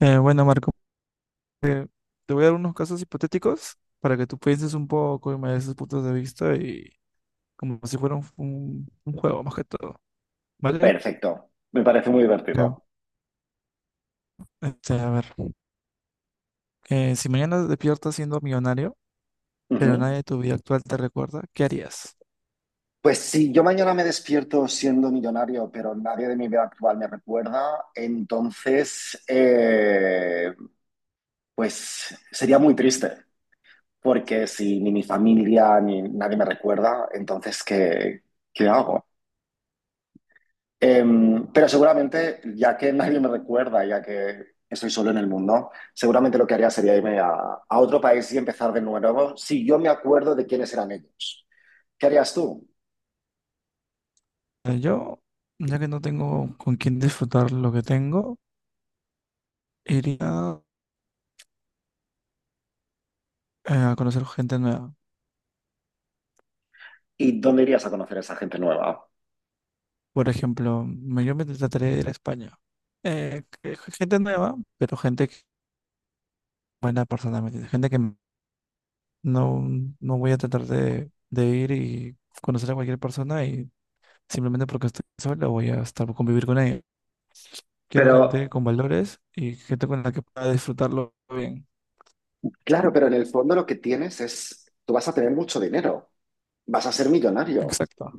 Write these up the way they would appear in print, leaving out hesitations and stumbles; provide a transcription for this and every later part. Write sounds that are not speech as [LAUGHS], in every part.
Bueno, Marco, te voy a dar unos casos hipotéticos para que tú pienses un poco y me des tus puntos de vista y como si fuera un juego más que todo, ¿vale? Perfecto, me parece muy Ya. divertido. Este, a ver, si mañana despiertas siendo millonario, pero Ujú. nadie de tu vida actual te recuerda, ¿qué harías? Pues si yo mañana me despierto siendo millonario, pero nadie de mi vida actual me recuerda, entonces, pues sería muy triste, porque si ni mi familia ni nadie me recuerda, entonces, ¿qué hago? Pero seguramente, ya que nadie me recuerda, ya que estoy solo en el mundo, seguramente lo que haría sería a otro país y empezar de nuevo si yo me acuerdo de quiénes eran ellos. ¿Qué harías tú? Yo, ya que no tengo con quién disfrutar lo que tengo, iría a conocer gente nueva. ¿Y dónde irías a conocer a esa gente nueva? Por ejemplo, yo me trataré de ir a España. Gente nueva, pero buena personalmente, gente que no, no voy a tratar de ir y conocer a cualquier persona y simplemente porque estoy sola voy a estar convivir con ella. Quiero Pero, gente con valores y gente con la que pueda disfrutarlo bien. claro, pero en el fondo lo que tienes es, tú vas a tener mucho dinero, vas a ser millonario. Exacto.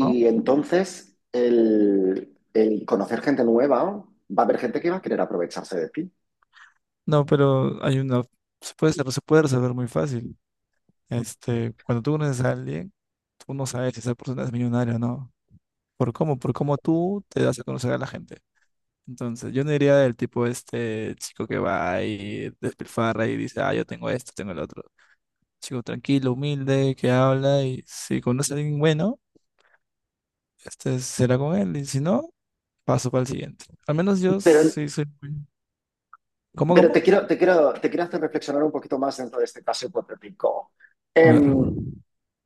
¿No? entonces el conocer gente nueva, va a haber gente que va a querer aprovecharse de ti. No, pero hay una, se puede resolver muy fácil. Este, cuando tú conoces a alguien, tú no sabes si esa persona es millonaria o no. ¿Por cómo? Por cómo tú te das a conocer a la gente. Entonces, yo no diría del tipo este chico que va y despilfarra y dice, ah, yo tengo esto, tengo el otro. Chico tranquilo, humilde, que habla y si conoce a alguien bueno, este será con él y si no, paso para el siguiente. Al menos yo Pero sí soy muy... ¿Cómo, Pero cómo? Te quiero hacer reflexionar un poquito más dentro de este caso hipotético. A ver. Em,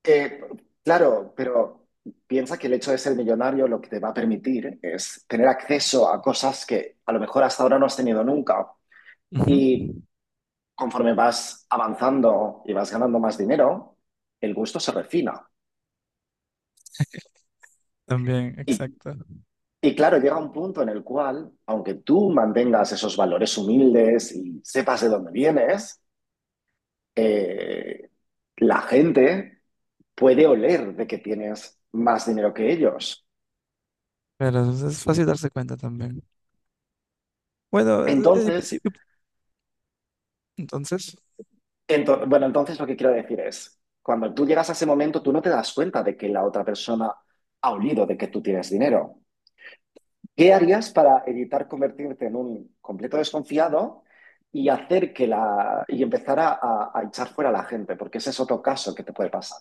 eh, claro, pero piensa que el hecho de ser millonario lo que te va a permitir es tener acceso a cosas que a lo mejor hasta ahora no has tenido nunca. Ujú. Y conforme vas avanzando y vas ganando más dinero, el gusto se refina. También, Y, exacto. y claro, llega un punto en el cual, aunque tú mantengas esos valores humildes y sepas de dónde vienes, eh, la gente puede oler de que tienes más dinero que ellos. Pero es fácil darse cuenta también. Bueno, pues sí, Entonces, entonces, entonces lo que quiero decir es, cuando tú llegas a ese momento, tú no te das cuenta de que la otra persona ha olido de que tú tienes dinero. ¿Qué harías para evitar convertirte en un completo desconfiado y hacer que la y empezar a echar fuera a la gente? Porque ese es otro caso que te puede pasar.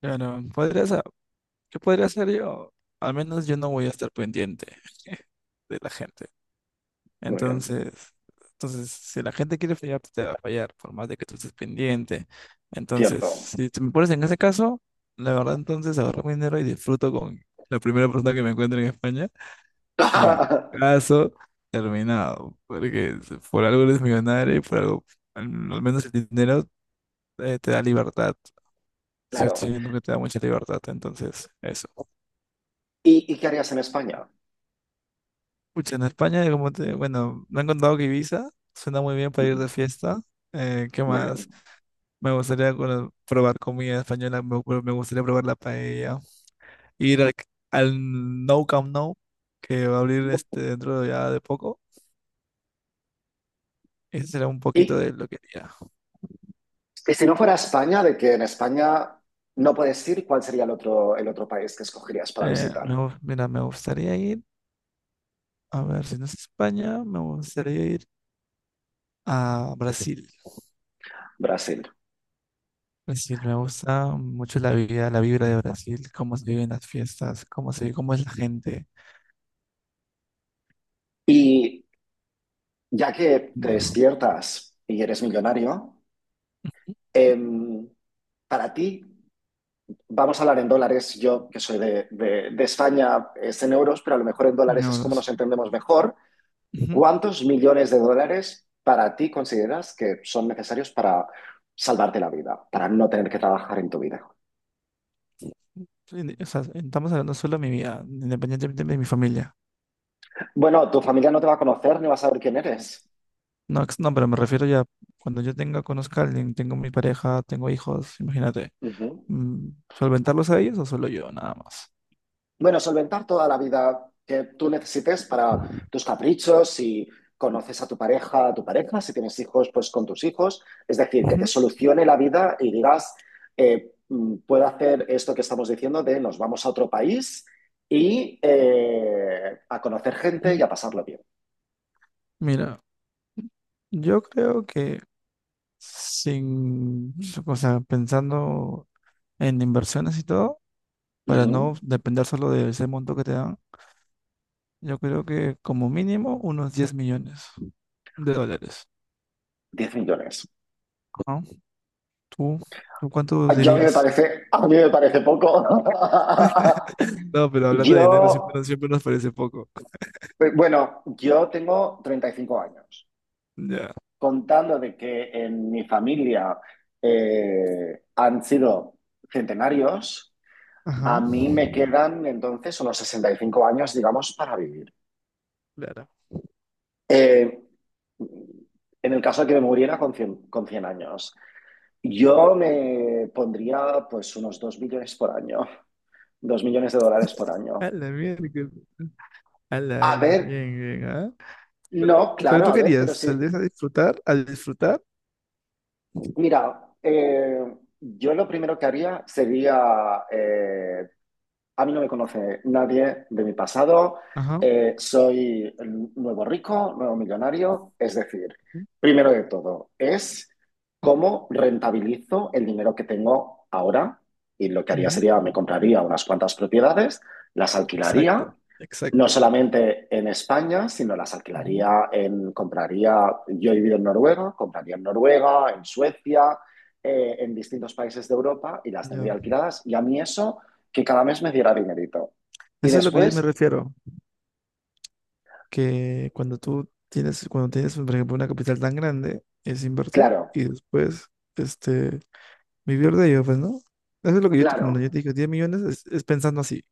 claro, podrías ¿qué podría hacer yo? Al menos yo no voy a estar pendiente [LAUGHS] de la gente. Muy bien, Entonces, entonces, si la gente quiere fallar, pues te va a fallar, por más de que tú estés pendiente. Entonces, cierto. si te me pones en ese caso, la verdad, entonces agarro mi dinero y disfruto con la primera persona que me encuentre en España. Y [LAUGHS] caso terminado, porque si por algo eres millonario y por algo, al al menos el dinero te da libertad. Cierto, Claro. siento que te da mucha libertad, entonces, eso. Y qué harías en España? Pucha, en España, como te, bueno, me han contado que Ibiza suena muy bien para ir Ujú, de fiesta. ¿Qué muy más? bien. Me gustaría probar comida española, me gustaría probar la paella, ir al No Camp No, que va a abrir este dentro de ya de poco. Ese será un poquito ¿Y de lo que haría. Y si no fuera España, de que en España no puedes ir, ¿cuál sería el otro país que escogerías para visitar? Mira, me gustaría ir, a ver, si no es España, me gustaría ir a Brasil. Brasil. Brasil, me gusta mucho la vida, la vibra de Brasil, cómo se viven las fiestas, cómo es la gente. Y ya que te Ujú. despiertas y eres millonario, em, para ti, vamos a hablar en dólares, yo que soy de España es en euros, pero a lo mejor en dólares es Ujú. como nos entendemos mejor. ¿Cuántos millones de dólares para ti consideras que son necesarios para salvarte la vida, para no tener que trabajar en tu vida? Sí, o sea, estamos hablando solo de mi vida, independientemente de mi familia. Bueno, tu familia no te va a conocer ni va a saber quién eres. No, pero me refiero ya, cuando yo tenga, conozca a alguien, tengo mi pareja, tengo hijos, imagínate, Ujú. mm, ¿solventarlos a ellos o solo yo, nada más? Bueno, solventar toda la vida que tú necesites para tus caprichos, si conoces a tu pareja, si tienes hijos, pues con tus hijos. Es decir, que te Ujú. solucione la vida y digas, puedo hacer esto que estamos diciendo de nos vamos a otro país y a conocer gente y a pasarlo bien. Mira, yo creo que sin, o sea, pensando en inversiones y todo, para Ujú. no depender solo de ese monto que te dan, yo creo que como mínimo unos $10 millones. 10 millones. Ajá. ¿Tú, tú cuánto Yo a mí me dirías? parece, a mí me parece poco. No, pero [LAUGHS] hablando de dinero Yo, siempre nos parece poco. Bueno, yo tengo 35 años. Ya. Contando de que en mi familia han sido centenarios, Ajá. a mí me quedan entonces unos 65 años, digamos, para vivir. Claro. Eh, en el caso de que me muriera con 100 años, yo me pondría pues unos 2 millones por año, 2 millones de dólares por A año. la mierda. A Bien, ver, bien, ¿ah? Pero, no, pero claro, tú a ver, querías pero sí, salir a disfrutar, a disfrutar. mira, yo lo primero que haría sería, a mí no me conoce nadie de mi pasado. Ajá. Soy el nuevo rico, nuevo millonario. Es decir, Ujú, primero de todo, es cómo rentabilizo el dinero que tengo ahora. Y lo que haría ujú, sería, me compraría unas cuantas propiedades, las alquilaría exacto, no exacto. solamente en España, sino las Ujú, alquilaría compraría, yo he vivido en Noruega, compraría en Noruega, en Suecia, en distintos países de Europa y las tendría ya. alquiladas. Y a mí eso, que cada mes me diera dinerito. Y Eso es lo que yo me después, refiero, que cuando tú tienes, cuando tienes, por ejemplo, una capital tan grande, es invertir claro, y después, este, vivir de ello, pues, ¿no? Eso es lo que yo, como claro, yo te dije, 10 millones es pensando así.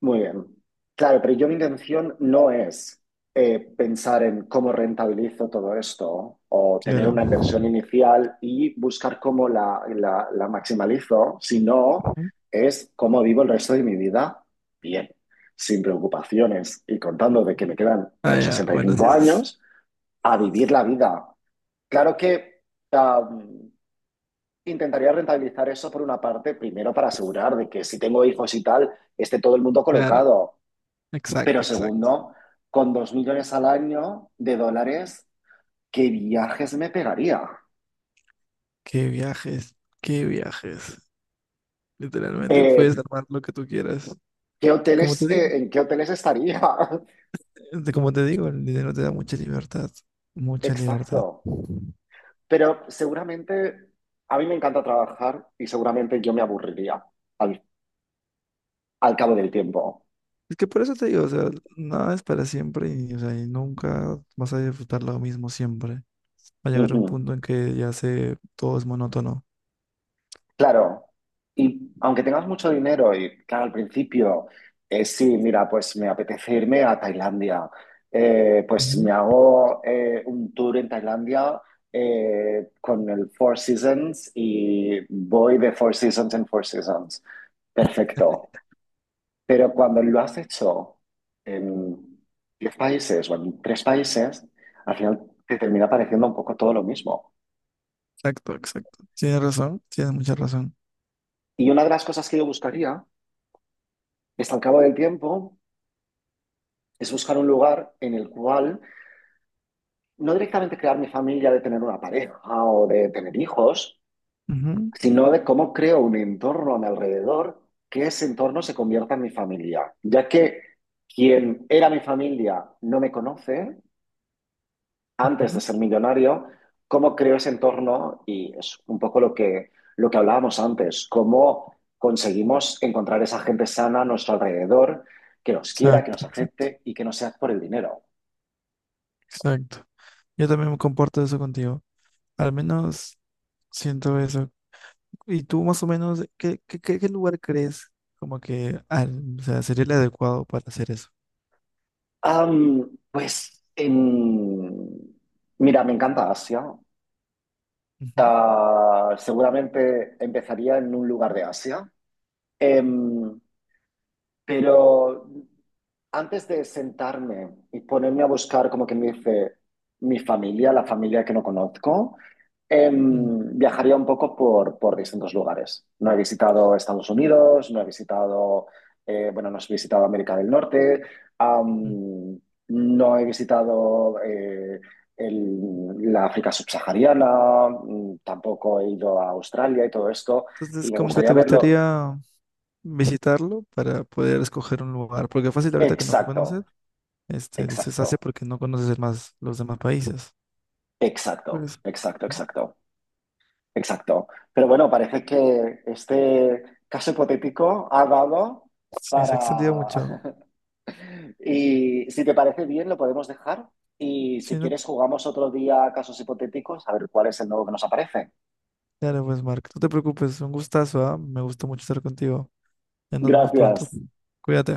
muy bien. Claro, pero yo mi intención no es pensar en cómo rentabilizo todo esto o tener Claro. una inversión inicial y buscar cómo la maximalizo, sino Ujú. es cómo vivo el resto de mi vida bien, sin preocupaciones y contando de que me quedan Ah, unos ya, sesenta y bueno, así cinco es. años a vivir la vida. Claro que am, intentaría rentabilizar eso por una parte, primero para asegurar de que si tengo hijos y tal, esté todo el mundo Claro. colocado, pero Exacto, exacto. segundo, con 2 millones al año de dólares, ¿qué viajes me pegaría? Qué viajes, qué viajes. Literalmente puedes Eh, armar lo que tú quieras. ¿Qué Como te hoteles, digo, en qué hoteles estaría? [LAUGHS] Como te digo, el dinero te da mucha libertad, mucha libertad. Exacto. Pero seguramente a mí me encanta trabajar y seguramente yo me aburriría al, al cabo del tiempo. Es que por eso te digo, o sea, nada es para siempre y, o sea, y nunca vas a disfrutar lo mismo siempre. Va a llegar Ujú. un punto en que ya se todo es monótono. Claro, y aunque tengas mucho dinero y claro, al principio, sí, mira, pues me apetece irme a Tailandia, pues me Ujú. hago un tour en Tailandia con el Four Seasons y voy de Four Seasons en Four Seasons. Perfecto. Pero cuando lo has hecho en 10 países o en tres países, al final te termina pareciendo un poco todo lo mismo. Exacto, exacto. Tienes razón, tienes mucha razón. Y una de las cosas que yo buscaría es al cabo del tiempo es buscar un lugar en el cual no directamente crear mi familia de tener una pareja o de tener hijos, Ujú, sino de cómo creo un entorno a mi alrededor que ese entorno se convierta en mi familia, ya que quien era mi familia no me conoce antes de ujú. ser millonario, cómo creo ese entorno y es un poco lo que hablábamos antes, cómo conseguimos encontrar esa gente sana a nuestro alrededor que nos quiera, que Exacto, nos exacto, acepte y que no sea por el dinero. exacto. Yo también me comporto eso contigo. Al menos siento eso. ¿Y tú más o menos qué lugar crees como que o sea, sería el adecuado para hacer eso? Pues, en... mira, me encanta Asia. Ujú, Ah, seguramente empezaría en un lugar de Asia. Em, pero antes de sentarme y ponerme a buscar, como que me dice, mi familia, la familia que no conozco, ujú, viajaría un poco por distintos lugares. No he visitado Estados Unidos, no he visitado, bueno, no he visitado América del Norte, ujú. am, no he visitado la África subsahariana, mm, tampoco he ido a Australia y todo esto, Entonces, y me como que gustaría te verlo. gustaría visitarlo para poder escoger un lugar, porque fácil ahorita que no Exacto, conoces, este, dices exacto, Asia porque no conoces más los demás países. exacto, Pues exacto, ujú. exacto. Exacto. Pero bueno, parece que este caso hipotético ha dado Sí, se ha extendido para... mucho. [LAUGHS] Y si te parece bien, lo podemos dejar. Y Sí, si no- quieres, jugamos otro día a casos hipotéticos, a ver cuál es el nuevo que nos aparece. claro, pues Mark, no te preocupes, un gustazo, ¿ah? Me gustó mucho estar contigo. Ya nos vemos pronto. Gracias. Cuídate.